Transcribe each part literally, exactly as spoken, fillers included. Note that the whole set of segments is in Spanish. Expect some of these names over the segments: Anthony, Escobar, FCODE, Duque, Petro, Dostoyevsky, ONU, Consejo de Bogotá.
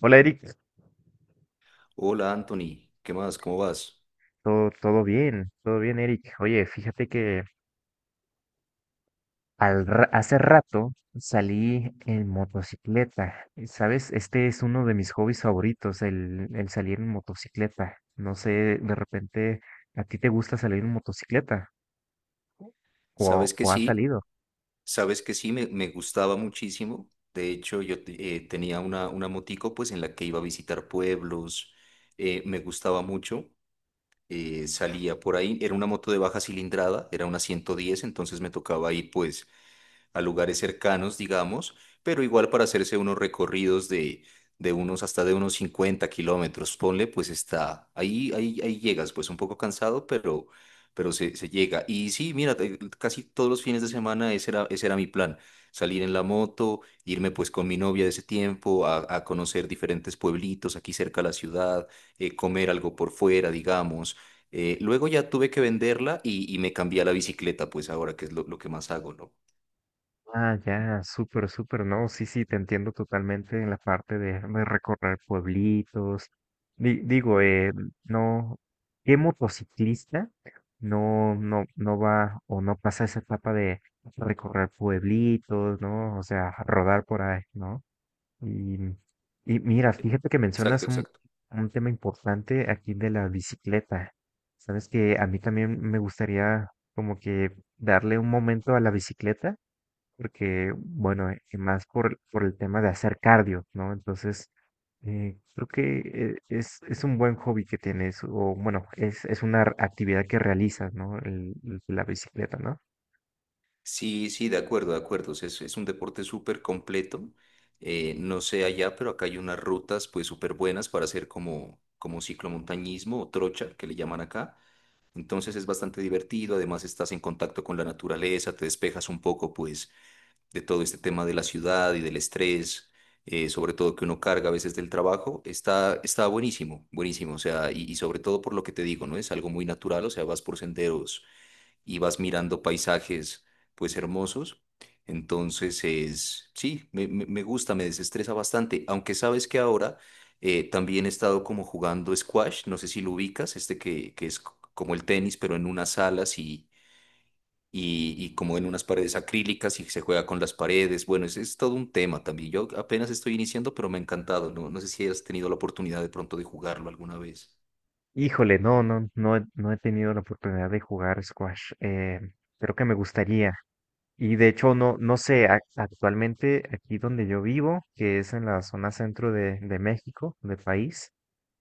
Hola Eric, Hola Anthony, ¿qué más? ¿Cómo vas? todo, todo bien, todo bien Eric. Oye, fíjate que al ra- hace rato salí en motocicleta. Y, ¿sabes? Este es uno de mis hobbies favoritos, el, el salir en motocicleta. No sé, de repente, ¿a ti te gusta salir en motocicleta? ¿O, Sabes que o has sí, salido? sabes que sí, me, me gustaba muchísimo. De hecho, yo te- eh, tenía una, una motico pues en la que iba a visitar pueblos, eh, me gustaba mucho, eh, salía por ahí, era una moto de baja cilindrada, era una ciento diez. Entonces me tocaba ir pues a lugares cercanos, digamos, pero igual para hacerse unos recorridos de, de unos, hasta de unos cincuenta kilómetros, ponle, pues está, ahí, ahí, ahí llegas, pues un poco cansado, pero, pero se, se llega. Y sí, mira, te- casi todos los fines de semana ese era, ese era mi plan, salir en la moto, irme pues con mi novia de ese tiempo a, a conocer diferentes pueblitos aquí cerca de la ciudad, eh, comer algo por fuera, digamos. Eh, luego ya tuve que venderla y, y me cambié a la bicicleta, pues ahora que es lo, lo que más hago, ¿no? Ah, ya, súper, súper, no, sí, sí, te entiendo totalmente en la parte de, de recorrer pueblitos. Di- digo, eh, no, ¿qué motociclista no, no, no va o no pasa esa etapa de recorrer pueblitos, ¿no? O sea, rodar por ahí, ¿no? Y, y mira, fíjate que Exacto, mencionas un, exacto. un tema importante aquí de la bicicleta. Sabes que a mí también me gustaría como que darle un momento a la bicicleta porque, bueno, eh, y más por, por el tema de hacer cardio, ¿no? Entonces, eh, creo que eh, es, es un buen hobby que tienes, o bueno, es, es una r- actividad que realizas, ¿no? El- el- la bicicleta, ¿no? Sí, sí, de acuerdo, de acuerdo. O sea, Es, es un deporte súper completo. Eh, no sé allá, pero acá hay unas rutas pues súper buenas para hacer como, como ciclomontañismo o trocha, que le llaman acá. Entonces es bastante divertido, además estás en contacto con la naturaleza, te despejas un poco pues de todo este tema de la ciudad y del estrés, eh, sobre todo que uno carga a veces del trabajo. Está, está buenísimo, buenísimo. O sea, y, y sobre todo por lo que te digo, ¿no? Es algo muy natural, o sea, vas por senderos y vas mirando paisajes pues hermosos. Entonces es, sí, me, me- me gusta, me desestresa bastante, aunque sabes que ahora eh, también he estado como jugando squash, no sé si lo ubicas, este que, que es c- como el tenis, pero en unas salas y, y, y como en unas paredes acrílicas y se juega con las paredes. Bueno, es, es todo un tema también. Yo apenas estoy iniciando, pero me ha encantado, ¿no? No sé si has tenido la oportunidad de pronto de jugarlo alguna vez. Híjole, no, no, no, he- no he tenido la oportunidad de jugar squash. Eh, creo que me gustaría. Y de hecho, no, no sé, ac- actualmente aquí donde yo vivo, que es en la zona centro de, de México, del país,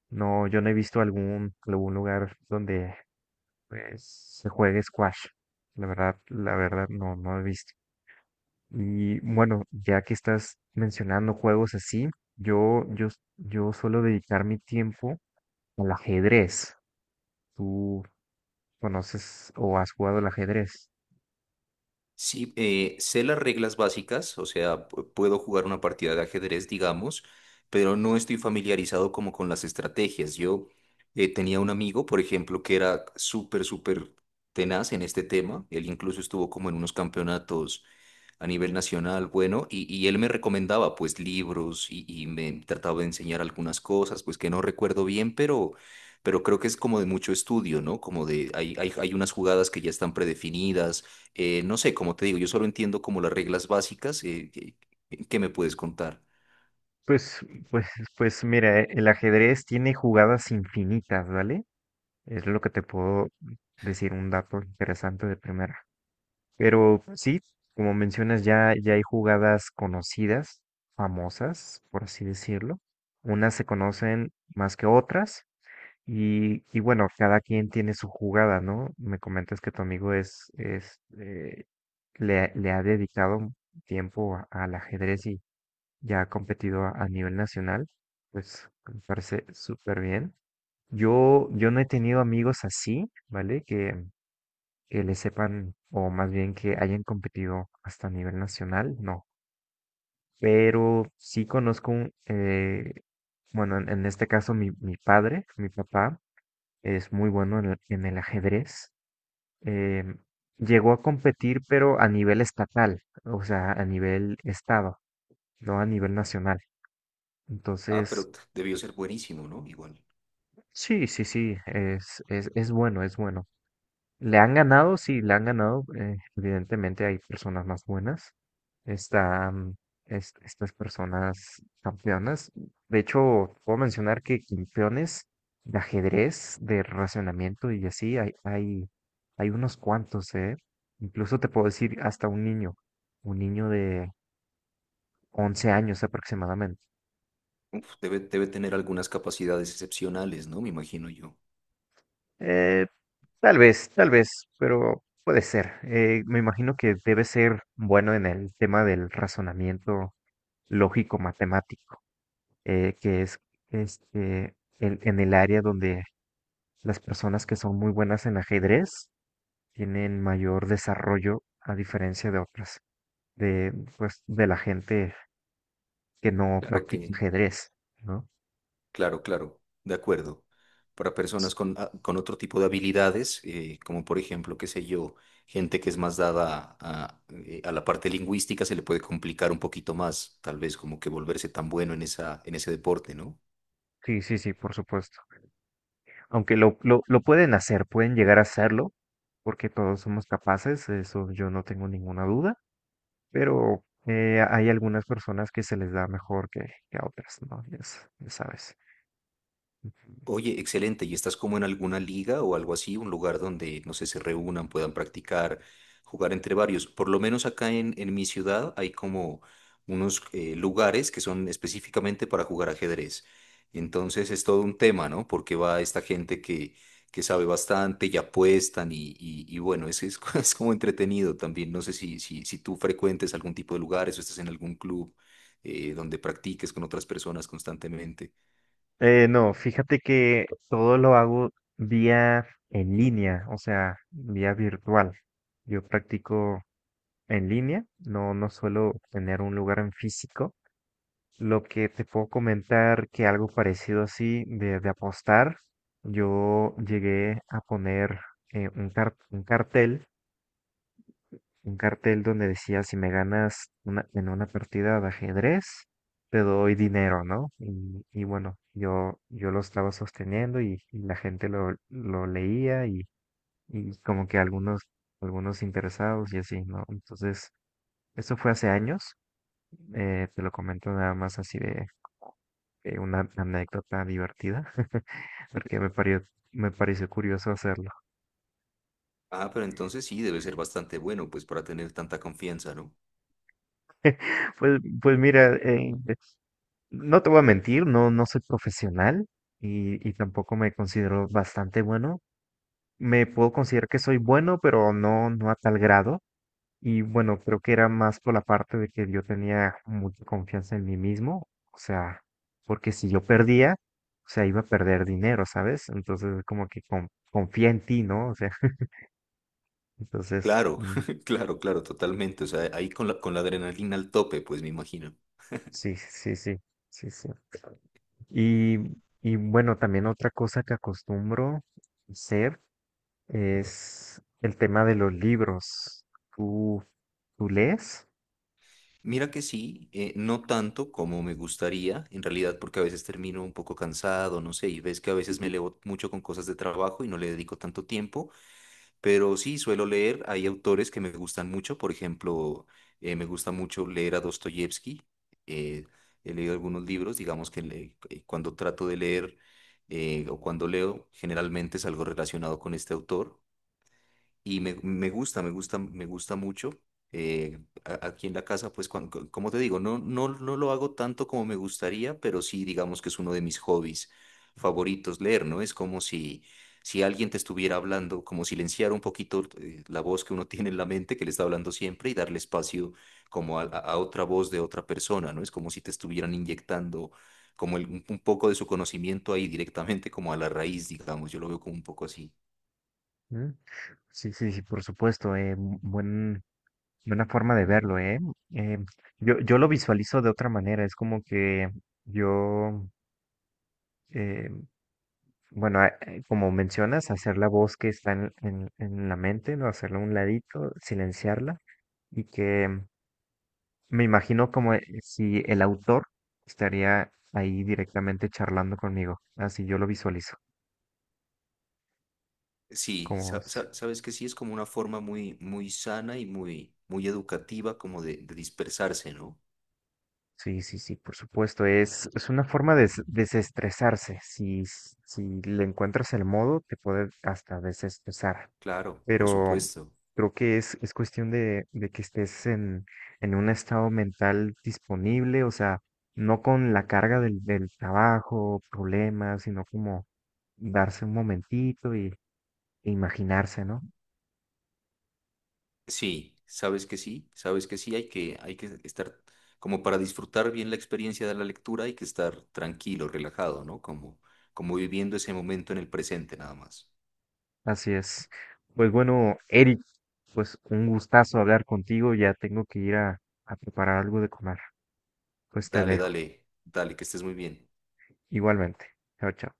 no, yo no he visto algún, algún lugar donde pues se juegue squash. La verdad, la verdad no, no he visto. Y bueno, ya que estás mencionando juegos así, yo, yo, yo suelo dedicar mi tiempo al ajedrez. ¿Tú conoces o has jugado al ajedrez? Sí, eh, sé las reglas básicas, o sea, pu- puedo jugar una partida de ajedrez, digamos, pero no estoy familiarizado como con las estrategias. Yo eh, tenía un amigo, por ejemplo, que era súper, súper tenaz en este tema. Él incluso estuvo como en unos campeonatos a nivel nacional, bueno, y, y él me recomendaba pues libros y, y me trataba de enseñar algunas cosas, pues que no recuerdo bien, pero... Pero creo que es como de mucho estudio, ¿no? Como de, hay, hay, hay unas jugadas que ya están predefinidas, eh, no sé, como te digo, yo solo entiendo como las reglas básicas. Eh, que, ¿qué me puedes contar? Pues, pues, pues mira, el ajedrez tiene jugadas infinitas, ¿vale? Es lo que te puedo decir un dato interesante de primera. Pero sí, como mencionas, ya, ya hay jugadas conocidas, famosas, por así decirlo. Unas se conocen más que otras y, y bueno, cada quien tiene su jugada, ¿no? Me comentas que tu amigo es, es eh, le, ha- le ha dedicado un tiempo a- al ajedrez y ya ha competido a, a nivel nacional, pues me parece súper bien. Yo, yo no he tenido amigos así, ¿vale? Que, que le sepan, o más bien que hayan competido hasta a nivel nacional, no. Pero sí conozco, un, eh, bueno, en, en este caso mi, mi padre, mi papá, es muy bueno en el, en el ajedrez. eh, Llegó a competir, pero a nivel estatal, o sea, a nivel estado, no a nivel nacional. Ah, pero Entonces, t- debió ser buenísimo, ¿no? Igual. sí, sí, sí, es, es, es bueno, es bueno. Le han ganado, sí, le han ganado. Eh, evidentemente hay personas más buenas. Están es- estas personas campeonas. De hecho, puedo mencionar que campeones de ajedrez, de racionamiento y así, hay, hay, hay unos cuantos, ¿eh? Incluso te puedo decir hasta un niño, un niño de once años aproximadamente. Uf, debe, debe tener algunas capacidades excepcionales, ¿no? Me imagino yo. Eh, Tal vez, tal vez, pero puede ser. Eh, me imagino que debe ser bueno en el tema del razonamiento lógico-matemático, eh, que es este, en, en el área donde las personas que son muy buenas en ajedrez tienen mayor desarrollo a diferencia de otras, de, pues, de la gente que no Claro practica que, ajedrez, ¿no? claro, claro, de acuerdo. Para personas con, ah, con otro tipo de habilidades, eh, como por ejemplo, qué sé yo, gente que es más dada a, eh, a la parte lingüística, se le puede complicar un poquito más, tal vez como que volverse tan bueno en esa, en ese deporte, ¿no? Sí, sí, sí, por supuesto. Aunque lo, lo, lo pueden hacer, pueden llegar a hacerlo, porque todos somos capaces, eso yo no tengo ninguna duda, pero eh, hay algunas personas que se les da mejor que, que a otras, ¿no? Ya s- ya sabes. Oye, excelente. ¿Y estás como en alguna liga o algo así? Un lugar donde, no sé, se reúnan, puedan practicar, jugar entre varios. Por lo menos acá en, en mi ciudad hay como unos eh, lugares que son específicamente para jugar ajedrez. Entonces es todo un tema, ¿no? Porque va esta gente que, que sabe bastante y apuestan y, y, y bueno, es, es, es como entretenido también. No sé si, si, si tú frecuentes algún tipo de lugares o estás en algún club eh, donde practiques con otras personas constantemente. Eh, no, fíjate que todo lo hago vía en línea, o sea, vía virtual. Yo practico en línea, no, no suelo tener un lugar en físico. Lo que te puedo comentar que algo parecido así de, de apostar, yo llegué a poner eh, un car- un cartel un cartel donde decía, si me ganas una, en una partida de ajedrez, te doy dinero, ¿no? Y, y bueno, yo, yo lo estaba sosteniendo y, y la gente lo, lo leía y, y como que algunos, algunos interesados y así, ¿no? Entonces, eso fue hace años, eh, te lo comento nada más así de, de una anécdota divertida, porque me pareció, me pareció curioso hacerlo. Ah, pero entonces sí, debe ser bastante bueno, pues para tener tanta confianza, ¿no? Pues, pues mira, eh, no te voy a mentir, no, no soy profesional y, y tampoco me considero bastante bueno. Me puedo considerar que soy bueno, pero no, no a tal grado. Y bueno, creo que era más por la parte de que yo tenía mucha confianza en mí mismo. O sea, porque si yo perdía, o sea, iba a perder dinero, ¿sabes? Entonces, como que con- confía en ti, ¿no? O sea, entonces, Claro, mm, claro, claro, totalmente. O sea, ahí con la, con la adrenalina al tope, pues me imagino. sí, sí, sí, sí, sí. Y, y bueno, también otra cosa que acostumbro hacer. Es el tema de los libros. ¿Tú, tú lees? Mira que sí, eh, no tanto como me gustaría, en realidad, porque a veces termino un poco cansado, no sé, y ves que a veces me elevo mucho con cosas de trabajo y no le dedico tanto tiempo, pero sí suelo leer, hay autores que me gustan mucho, por ejemplo, eh, me gusta mucho leer a Dostoyevsky, eh, he leído algunos libros, digamos que le- eh, cuando trato de leer eh, o cuando leo, generalmente es algo relacionado con este autor. Y me, me gusta, me gusta, me gusta mucho. Eh, a- Aquí en la casa, pues, cuan- co- como te digo, no, no, no lo hago tanto como me gustaría, pero sí, digamos que es uno de mis hobbies favoritos leer, ¿no? Es como si, si alguien te estuviera hablando, como silenciar un poquito eh, la voz que uno tiene en la mente, que le está hablando siempre, y darle espacio como a, a- a otra voz de otra persona, ¿no? Es como si te estuvieran inyectando como el- un un poco de su conocimiento ahí directamente, como a la raíz, digamos. Yo lo veo como un poco así. ¿Mm? Sí, sí, sí, por supuesto. eh, bu- buen, buena forma de verlo, ¿eh? Eh, yo, yo lo visualizo de otra manera. Es como que yo, eh, bueno, a- eh, como mencionas, hacer la voz que está en, en, en la mente, ¿no? Hacerla a un ladito, silenciarla y que me imagino como eh, si el autor estaría ahí directamente charlando conmigo. Así yo lo visualizo. Sí, Como, sa- s- sa- sabes que sí es como una forma muy, muy sana y muy, muy educativa como de, de dispersarse, ¿no? sí, sí, sí, por supuesto. Es, es una forma de s- desestresarse. Si, s- si le encuentras el modo, te puede hasta desestresar. Claro, por Pero supuesto. creo que es, es cuestión de, de que estés en, en un estado mental disponible, o sea, no con la carga del, del trabajo, problemas, sino como darse un momentito y e imaginarse, ¿no? Sí, sabes que sí, sabes que sí, hay que, hay que estar como para disfrutar bien la experiencia de la lectura, hay que estar tranquilo, relajado, ¿no? Como, como viviendo ese momento en el presente nada más. Así es. Pues bueno, Eric, pues un gustazo hablar contigo. Ya tengo que ir a, a preparar algo de comer. Pues te Dale, dejo. dale, dale, que estés muy bien. Igualmente. Chao, chao.